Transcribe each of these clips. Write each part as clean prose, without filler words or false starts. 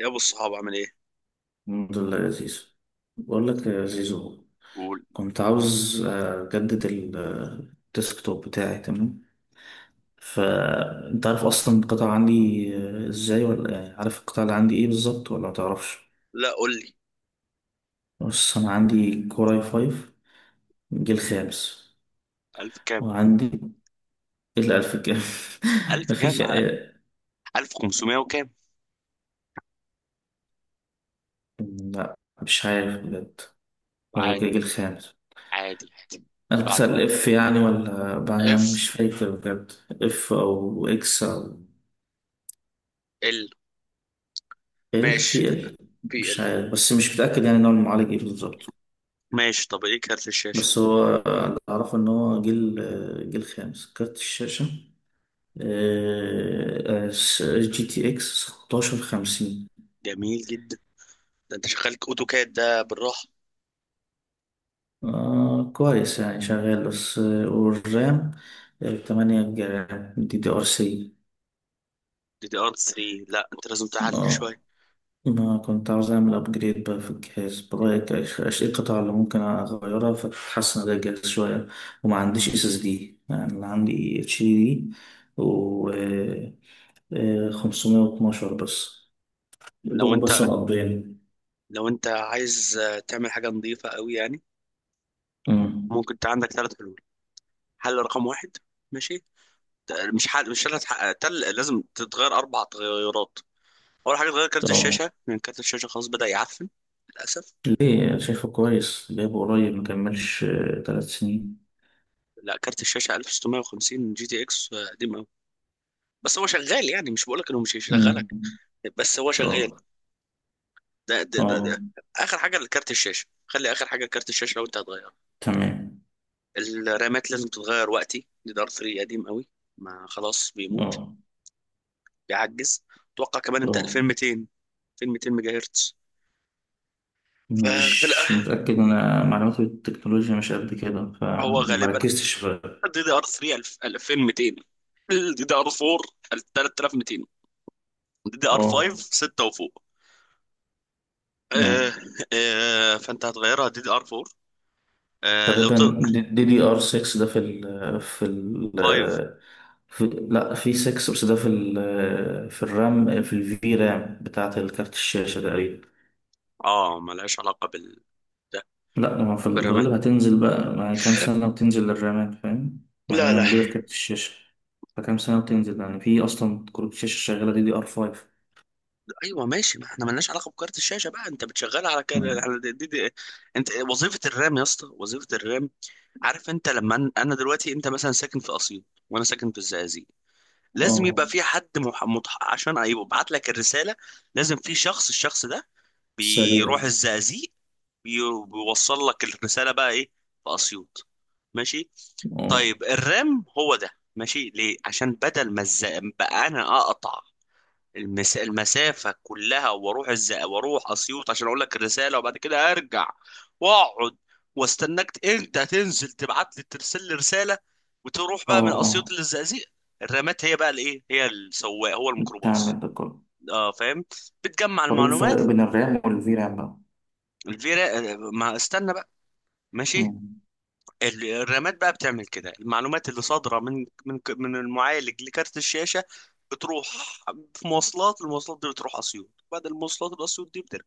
يا ابو الصحاب عامل ايه؟ الحمد لله يا زيزو. بقول لك يا زيزو، قول. كنت عاوز أجدد الديسكتوب بتاعي، تمام. فأنت عارف أصلا القطع عندي إزاي، ولا يعني عارف القطع اللي عندي إيه بالظبط ولا متعرفش؟ لا قول لي. بص، أنا عندي كوراي فايف، جيل خامس. الف كام؟ وعندي الألف كام. الف مفيش. كام، الف خمسمية وكام؟ لا، مش عارف بجد. هو عادي. جيل خامس. عادي. عادي. اللي أنا بعده. بتسأل اف يعني، أنا اف. مش فاكر بجد، اف او اكس او ال. ال ماشي. في ال، بي مش ال. عارف، بس مش متأكد يعني نوع المعالج ايه بالظبط. ماشي. طب ايه كارت الشاشه؟ بس هو اللي أعرفه إن هو جيل خامس. كارت الشاشة جي تي إكس 1650. جميل جدا. ده انت شغالك اوتوكاد ده بالراحه. آه، كويس يعني شغال، بس والرام 8 جيجا دي دي ار سي. دي دي ار 3. لا انت لازم تعلي اه، شويه. أنا كنت عاوز أعمل أبجريد بقى في الجهاز، برأيك إيش القطع اللي ممكن أغيرها فتحسن ده الجهاز شوية؟ وما عنديش اس اس دي، يعني أنا عندي اتش دي دي و 512 بس. لو دول بس انت مقضيين. لو انت عايز تعمل حاجه نظيفه قوي يعني. أمم. ممكن انت عندك ثلاث حلول. حل رقم واحد. ماشي. ت- مش حل مش ثلاث تل لازم تتغير اربع تغيرات. اول حاجه اتغير كارت طب الشاشه لان كارت الشاشه خلاص بدا يعفن للاسف. ليه؟ شايفه كويس، جايبه قريب، مكملش 3 سنين. لا كارت الشاشه 1650 جي تي اكس قديم قوي. بس هو شغال يعني، مش بقولك انه مش أمم. هيشغلك، بس هو شغال. طب. ده ده ده, اه، ده. اخر حاجه لكارت الشاشه، خلي اخر حاجه كارت الشاشه لو انت هتغيره. تمام. الرامات لازم تتغير، وقتي دي دار 3 قديم قوي. ما خلاص بيموت. اه. بيعجز. اتوقع كمان انت اه، 2200. 2200 ميجا هرتز. ففي مش الأ- متأكد، أنا معلوماتي بالتكنولوجيا مش قد كده هو غالبا فمركزتش في. دي دي ار 3 2200، الدي دي ار 4 3200، دي دي ار 5 اه. 6 وفوق. آه. نعم. آه فانت هتغيرها دي دي ار 4 آه لو تقريبا تقدر. دي دي ار 6، ده 5. في، لا، في 6، بس ده في الرام، في الفي رام بتاعة الكارت الشاشة تقريبا. اه ملهاش علاقه بال، ده لا، ما في برمان. الغالب هتنزل بقى، ما هي كام سنة وتنزل للرامات، فاهم. يعني لا هي لا، موجودة في كارت الشاشة، فكام سنة وتنزل، يعني في أصلا كروت الشاشة شغالة دي دي ار 5. ايوه ماشي، ما احنا ملناش علاقه بكارت الشاشه بقى. انت بتشغلها على كده على دي دي دي. انت وظيفه الرام يا اسطى، وظيفه الرام. عارف انا دلوقتي، انت مثلا ساكن في اسيوط وانا ساكن في الزقازيق. لازم اه. يبقى في حد عشان يبعت لك الرساله. لازم في شخص، الشخص ده سريع. بيروح الزقازيق، بي- بيوصل لك الرسالة بقى ايه في اسيوط. ماشي. اه. طيب الرام هو ده. ماشي. ليه؟ عشان بدل ما بقى انا اقطع المسافة كلها واروح واروح اسيوط عشان اقول لك الرسالة وبعد كده ارجع واقعد واستناك انت تنزل تبعت لي، ترسل لي رسالة، وتروح بقى من اه، اسيوط فاهم. للزقازيق. الرامات هي بقى الايه، هي السواق، هو الميكروباص. بتعمل ده كله. اه فاهم. بتجمع طب ايه المعلومات. الفرق بين الرام والفي رام بقى؟ الفيرا آه، ما استنى بقى. ماشي. مم. الرامات بقى بتعمل كده، المعلومات اللي صادره من من المعالج لكارت الشاشه بتروح في مواصلات. المواصلات دي بتروح اسيوط، بعد المواصلات الاسيوط دي بترجع.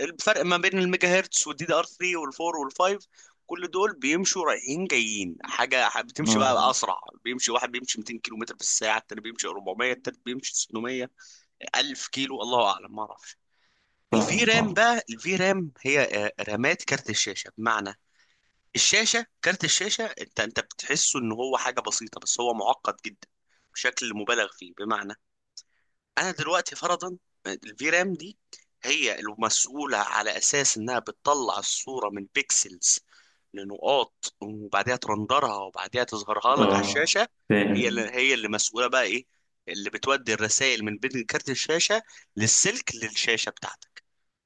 الفرق ما بين الميجا هرتز والدي دي ار 3 وال4 وال5، كل دول بيمشوا رايحين جايين. بتمشي بقى اه، اسرع. بيمشي واحد بيمشي 200 كيلو متر في الساعه، التاني بيمشي 400، التالت بيمشي 600، 1000 كيلو. الله اعلم ما اعرفش. الفي فاهمك. رام اه. بقى، الفي رام هي رامات كارت الشاشه. بمعنى الشاشه، كارت الشاشه، انت بتحسه ان هو حاجه بسيطه بس هو معقد جدا بشكل مبالغ فيه. بمعنى انا دلوقتي فرضا الفي رام دي هي المسؤوله على اساس انها بتطلع الصوره من بيكسلز لنقاط، وبعدها ترندرها، وبعدها تظهرها لك على اه، الشاشه. هي اللي فاهم. هي اللي مسؤوله بقى ايه، اللي بتودي الرسائل من بين كارت الشاشه للسلك للشاشه بتاعتك.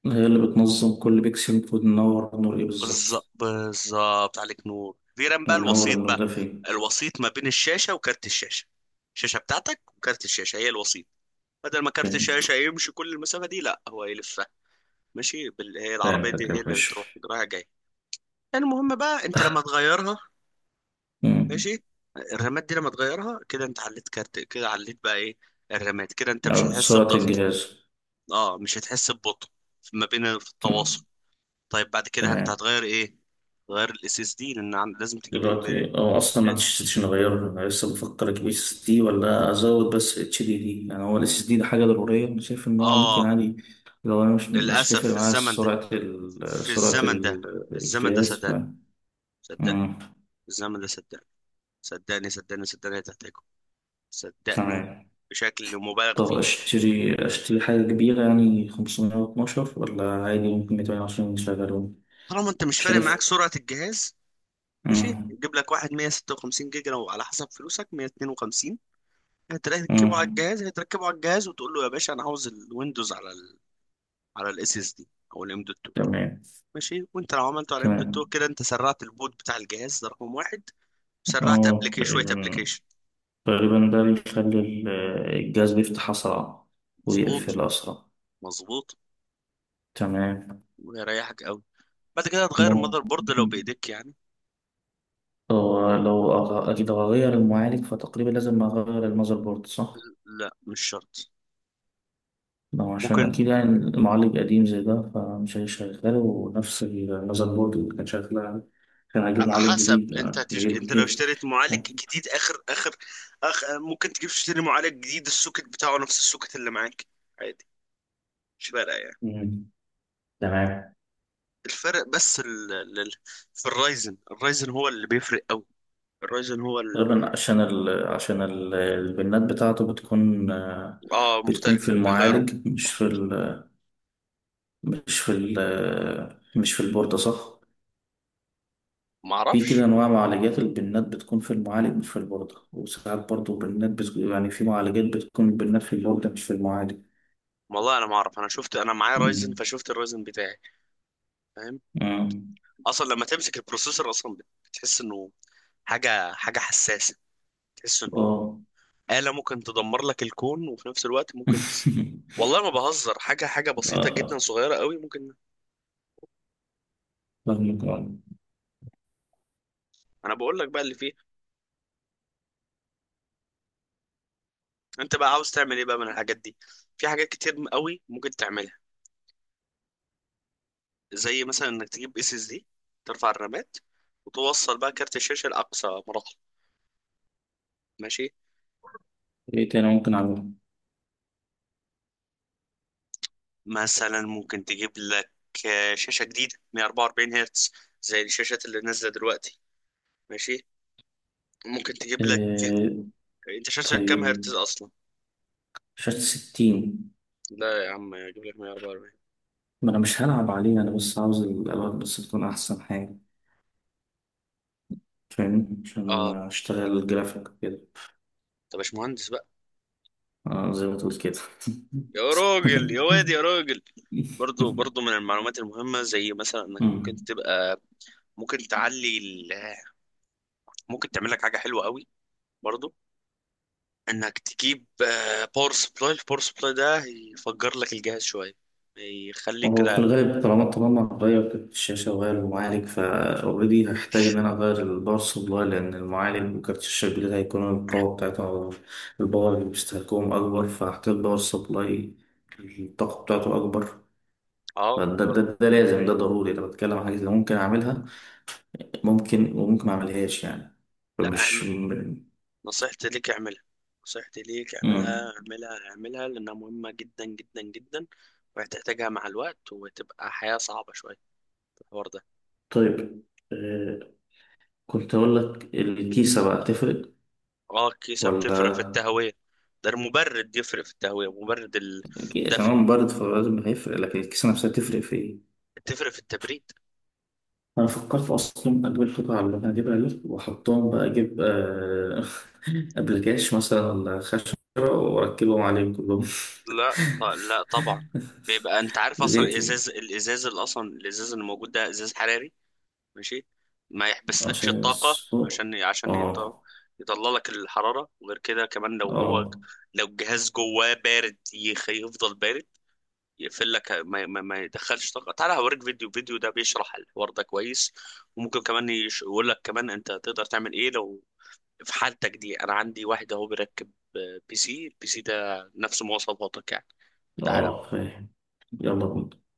هي اللي بتنظم كل بيكسل، المفروض ننور النور ايه بالظبط، بالظبط، بالظبط عليك نور. غير بقى وينور الوسيط النور بقى، ده فين. الوسيط ما بين الشاشة وكارت الشاشة. الشاشة بتاعتك وكارت الشاشة هي الوسيط. بدل ما كارت فهمت. الشاشة يمشي كل المسافة دي، لا هو يلفها. ماشي. هي العربية فهمتك دي يا هي اللي باشا. بتروح رايحة جاية. المهم بقى انت لما تغيرها، مم. ماشي، الرامات دي لما تغيرها كده انت عليت كارت، كده عليت بقى ايه، الرامات. كده انت مش أو هتحس سرعة بضغط. الجهاز. اه، مش هتحس ببطء ما بين في التواصل. مم. طيب بعد كده انت تمام. هتغير ايه؟ غير الاس اس دي لان لازم تجيب. دلوقتي اه، اصلا ما عنديش سيشن اغيره، انا لسه بفكر اجيب اس اس دي ولا ازود بس اتش دي دي، يعني هو الاس اس دي ده حاجه ضروريه؟ انا شايف ان هو ممكن اه. عادي لو انا مش للاسف، هتفرق في معايا الزمن ده، سرعه في الزمن ده، في الزمن ده الجهاز، ف... صدقني، صدقني، مم. في الزمن ده صدقني، صدقني صدقني صدقني هتحتاجه، صدقني، تمام. بشكل مبالغ طب فيه. اشتري اشتري حاجه كبيره يعني 512، ولا عادي ممكن 220 يشغلون؟ طالما انت مش فارق شايف. معاك سرعه الجهاز، ماشي، مم. جيب لك واحد 156 جيجا، لو على حسب فلوسك 152. هتركبه على مم. الجهاز، هتركبه على الجهاز وتقول له يا باشا انا عاوز الويندوز على ال، على الاس اس دي او الام دوت 2. تمام. ماشي. وانت لو عملته على ام دوت 2 تمام. كده انت سرعت البوت بتاع الجهاز، ده رقم واحد. سرعت اه، ابلكيشن شويه، تقريبا. ابلكيشن. تقريبا ده بيخلي الجهاز بيفتح أسرع مظبوط. ويقفل أسرع. مظبوط. تمام. ويريحك قوي. بعد كده هتغير المذر بورد لو ممكن بايديك يعني. أكيد هغير المعالج، فتقريبا لازم أغير المذر بورد، صح؟ لا مش شرط. لو عشان ممكن. أكيد يعني المعالج قديم زي ده فمش هيشغله ونفس المذر بورد اللي كان شغال، كان هجيب على معالج حسب جديد، انت يعني بيجيب انت لو جيل. اشتريت معالج جديد اخر اخر ممكن تجيب تشتري معالج جديد، السوكت بتاعه نفس السوكت اللي معاك، عادي، مش فارقه يعني. مم. تمام. الفرق بس في الرايزن، الرايزن هو اللي بيفرق قوي. الرايزن هو ال... تقريبا عشان البنات بتاعته بتكون آه، اه بتكون في مختلف بيغيره. المعالج، مش في البوردة، صح؟ ما في كده اعرفش. أنواع معالجات، البنات بتكون في المعالج مش في البوردة، وساعات برضو بنات يعني في معالجات بتكون البنات في البوردة مش في المعالج. والله انا ما اعرف، انا شفت، انا معايا رايزن مم. فشفت الرايزن بتاعي. فاهم؟ مم. اصلا لما تمسك البروسيسور اصلا بتحس انه حاجه، حاجه حساسه. تحس انه اه. آلة ممكن تدمر لك الكون، وفي نفس الوقت ممكن والله ما بهزر. حاجه حاجه بسيطه جدا، اه، صغيره قوي ممكن. فاهمك آه. انا بقول لك بقى اللي فيه. انت بقى عاوز تعمل ايه بقى من الحاجات دي؟ في حاجات كتير قوي ممكن تعملها. زي مثلا انك تجيب اس اس دي، ترفع الرامات، وتوصل بقى كارت الشاشه لاقصى مراحل. ماشي. ايه تاني ممكن أعمله؟ مثلا ممكن تجيب لك شاشه جديده 144 هرتز، زي الشاشات اللي نازله دلوقتي. ماشي. ممكن تجيب لك، آه. انت شاشتك كام هرتز طيب. اصلا؟ شاشة 60. لا يا عم اجيب لك 144. ما أنا مش هلعب عليها، أنا بس عاوز الألوان بس تكون أحسن حاجة، فاهمني، عشان اه. أشتغل جرافيك كده. طب مش مهندس بقى. آه، زي ما تقول كده. يا راجل، يا واد، يا راجل. برضو، برضو من المعلومات المهمة، زي مثلا انك ممكن مم. تبقى، ممكن ممكن تعمل لك حاجة حلوة قوي برضو، انك تجيب باور سبلاي. الباور سبلاي ده يفجر لك الجهاز شوية، يخليك هو في كده. الغالب، طالما هغير كارت الشاشة وغير المعالج، فأوريدي هحتاج إن أنا أغير الباور سبلاي، لأن المعالج وكارت الشاشة الجديد هيكون القوة بتاعته، الباور اللي بيستهلكوهم أكبر، فهحتاج باور سبلاي الطاقة بتاعته أكبر. اه فده و... ده, ده, ده لازم، ده ضروري. أنا بتكلم عن حاجة اللي ممكن أعملها، ممكن وممكن ما أعملهاش يعني. لا، فمش م- نصيحتي ليك اعملها. نصيحتي ليك مم. اعملها، اعملها، اعملها، لأنها مهمة جدا جدا جدا. وهتحتاجها مع الوقت، وتبقى حياة صعبة شوية في الحوار ده. طيب آه، كنت أقول لك الكيسة بقى تفرق، اه الكيسة ولا... بتفرق في التهوية. ده المبرد يفرق في التهوية، مبرد أكيد عشان الدفء. هو مبارد فلازم هيفرق، لكن الكيسة نفسها تفرق في إيه؟ تفرق في التبريد. أنا فكرت أصلا أجيب قطع اللي أنا هجيبها دي وأحطهم بقى، أجيب أبلكاش مثلا ولا خشبة وأركبهم عليهم كلهم. لا طبعا. بيبقى انت عارف اصلا ليه طيب؟ الازاز اللي موجود ده ازاز حراري. ماشي. ما يحبسلكش عشان الطاقة السوق. عشان آه. يطلع لك الحرارة. وغير كده كمان آه. لو الجهاز جواه بارد يفضل بارد، يقفل لك ما يدخلش طاقة. تعالى هوريك فيديو، فيديو ده بيشرح الحوار ده كويس. وممكن كمان يقول لك كمان انت تقدر تعمل ايه لو في حالتك دي. انا عندي واحد اهو بيركب بي سي، البي سي ده نفس مواصفاتك يعني. تعالى. آه، فاهم. يلا بينا.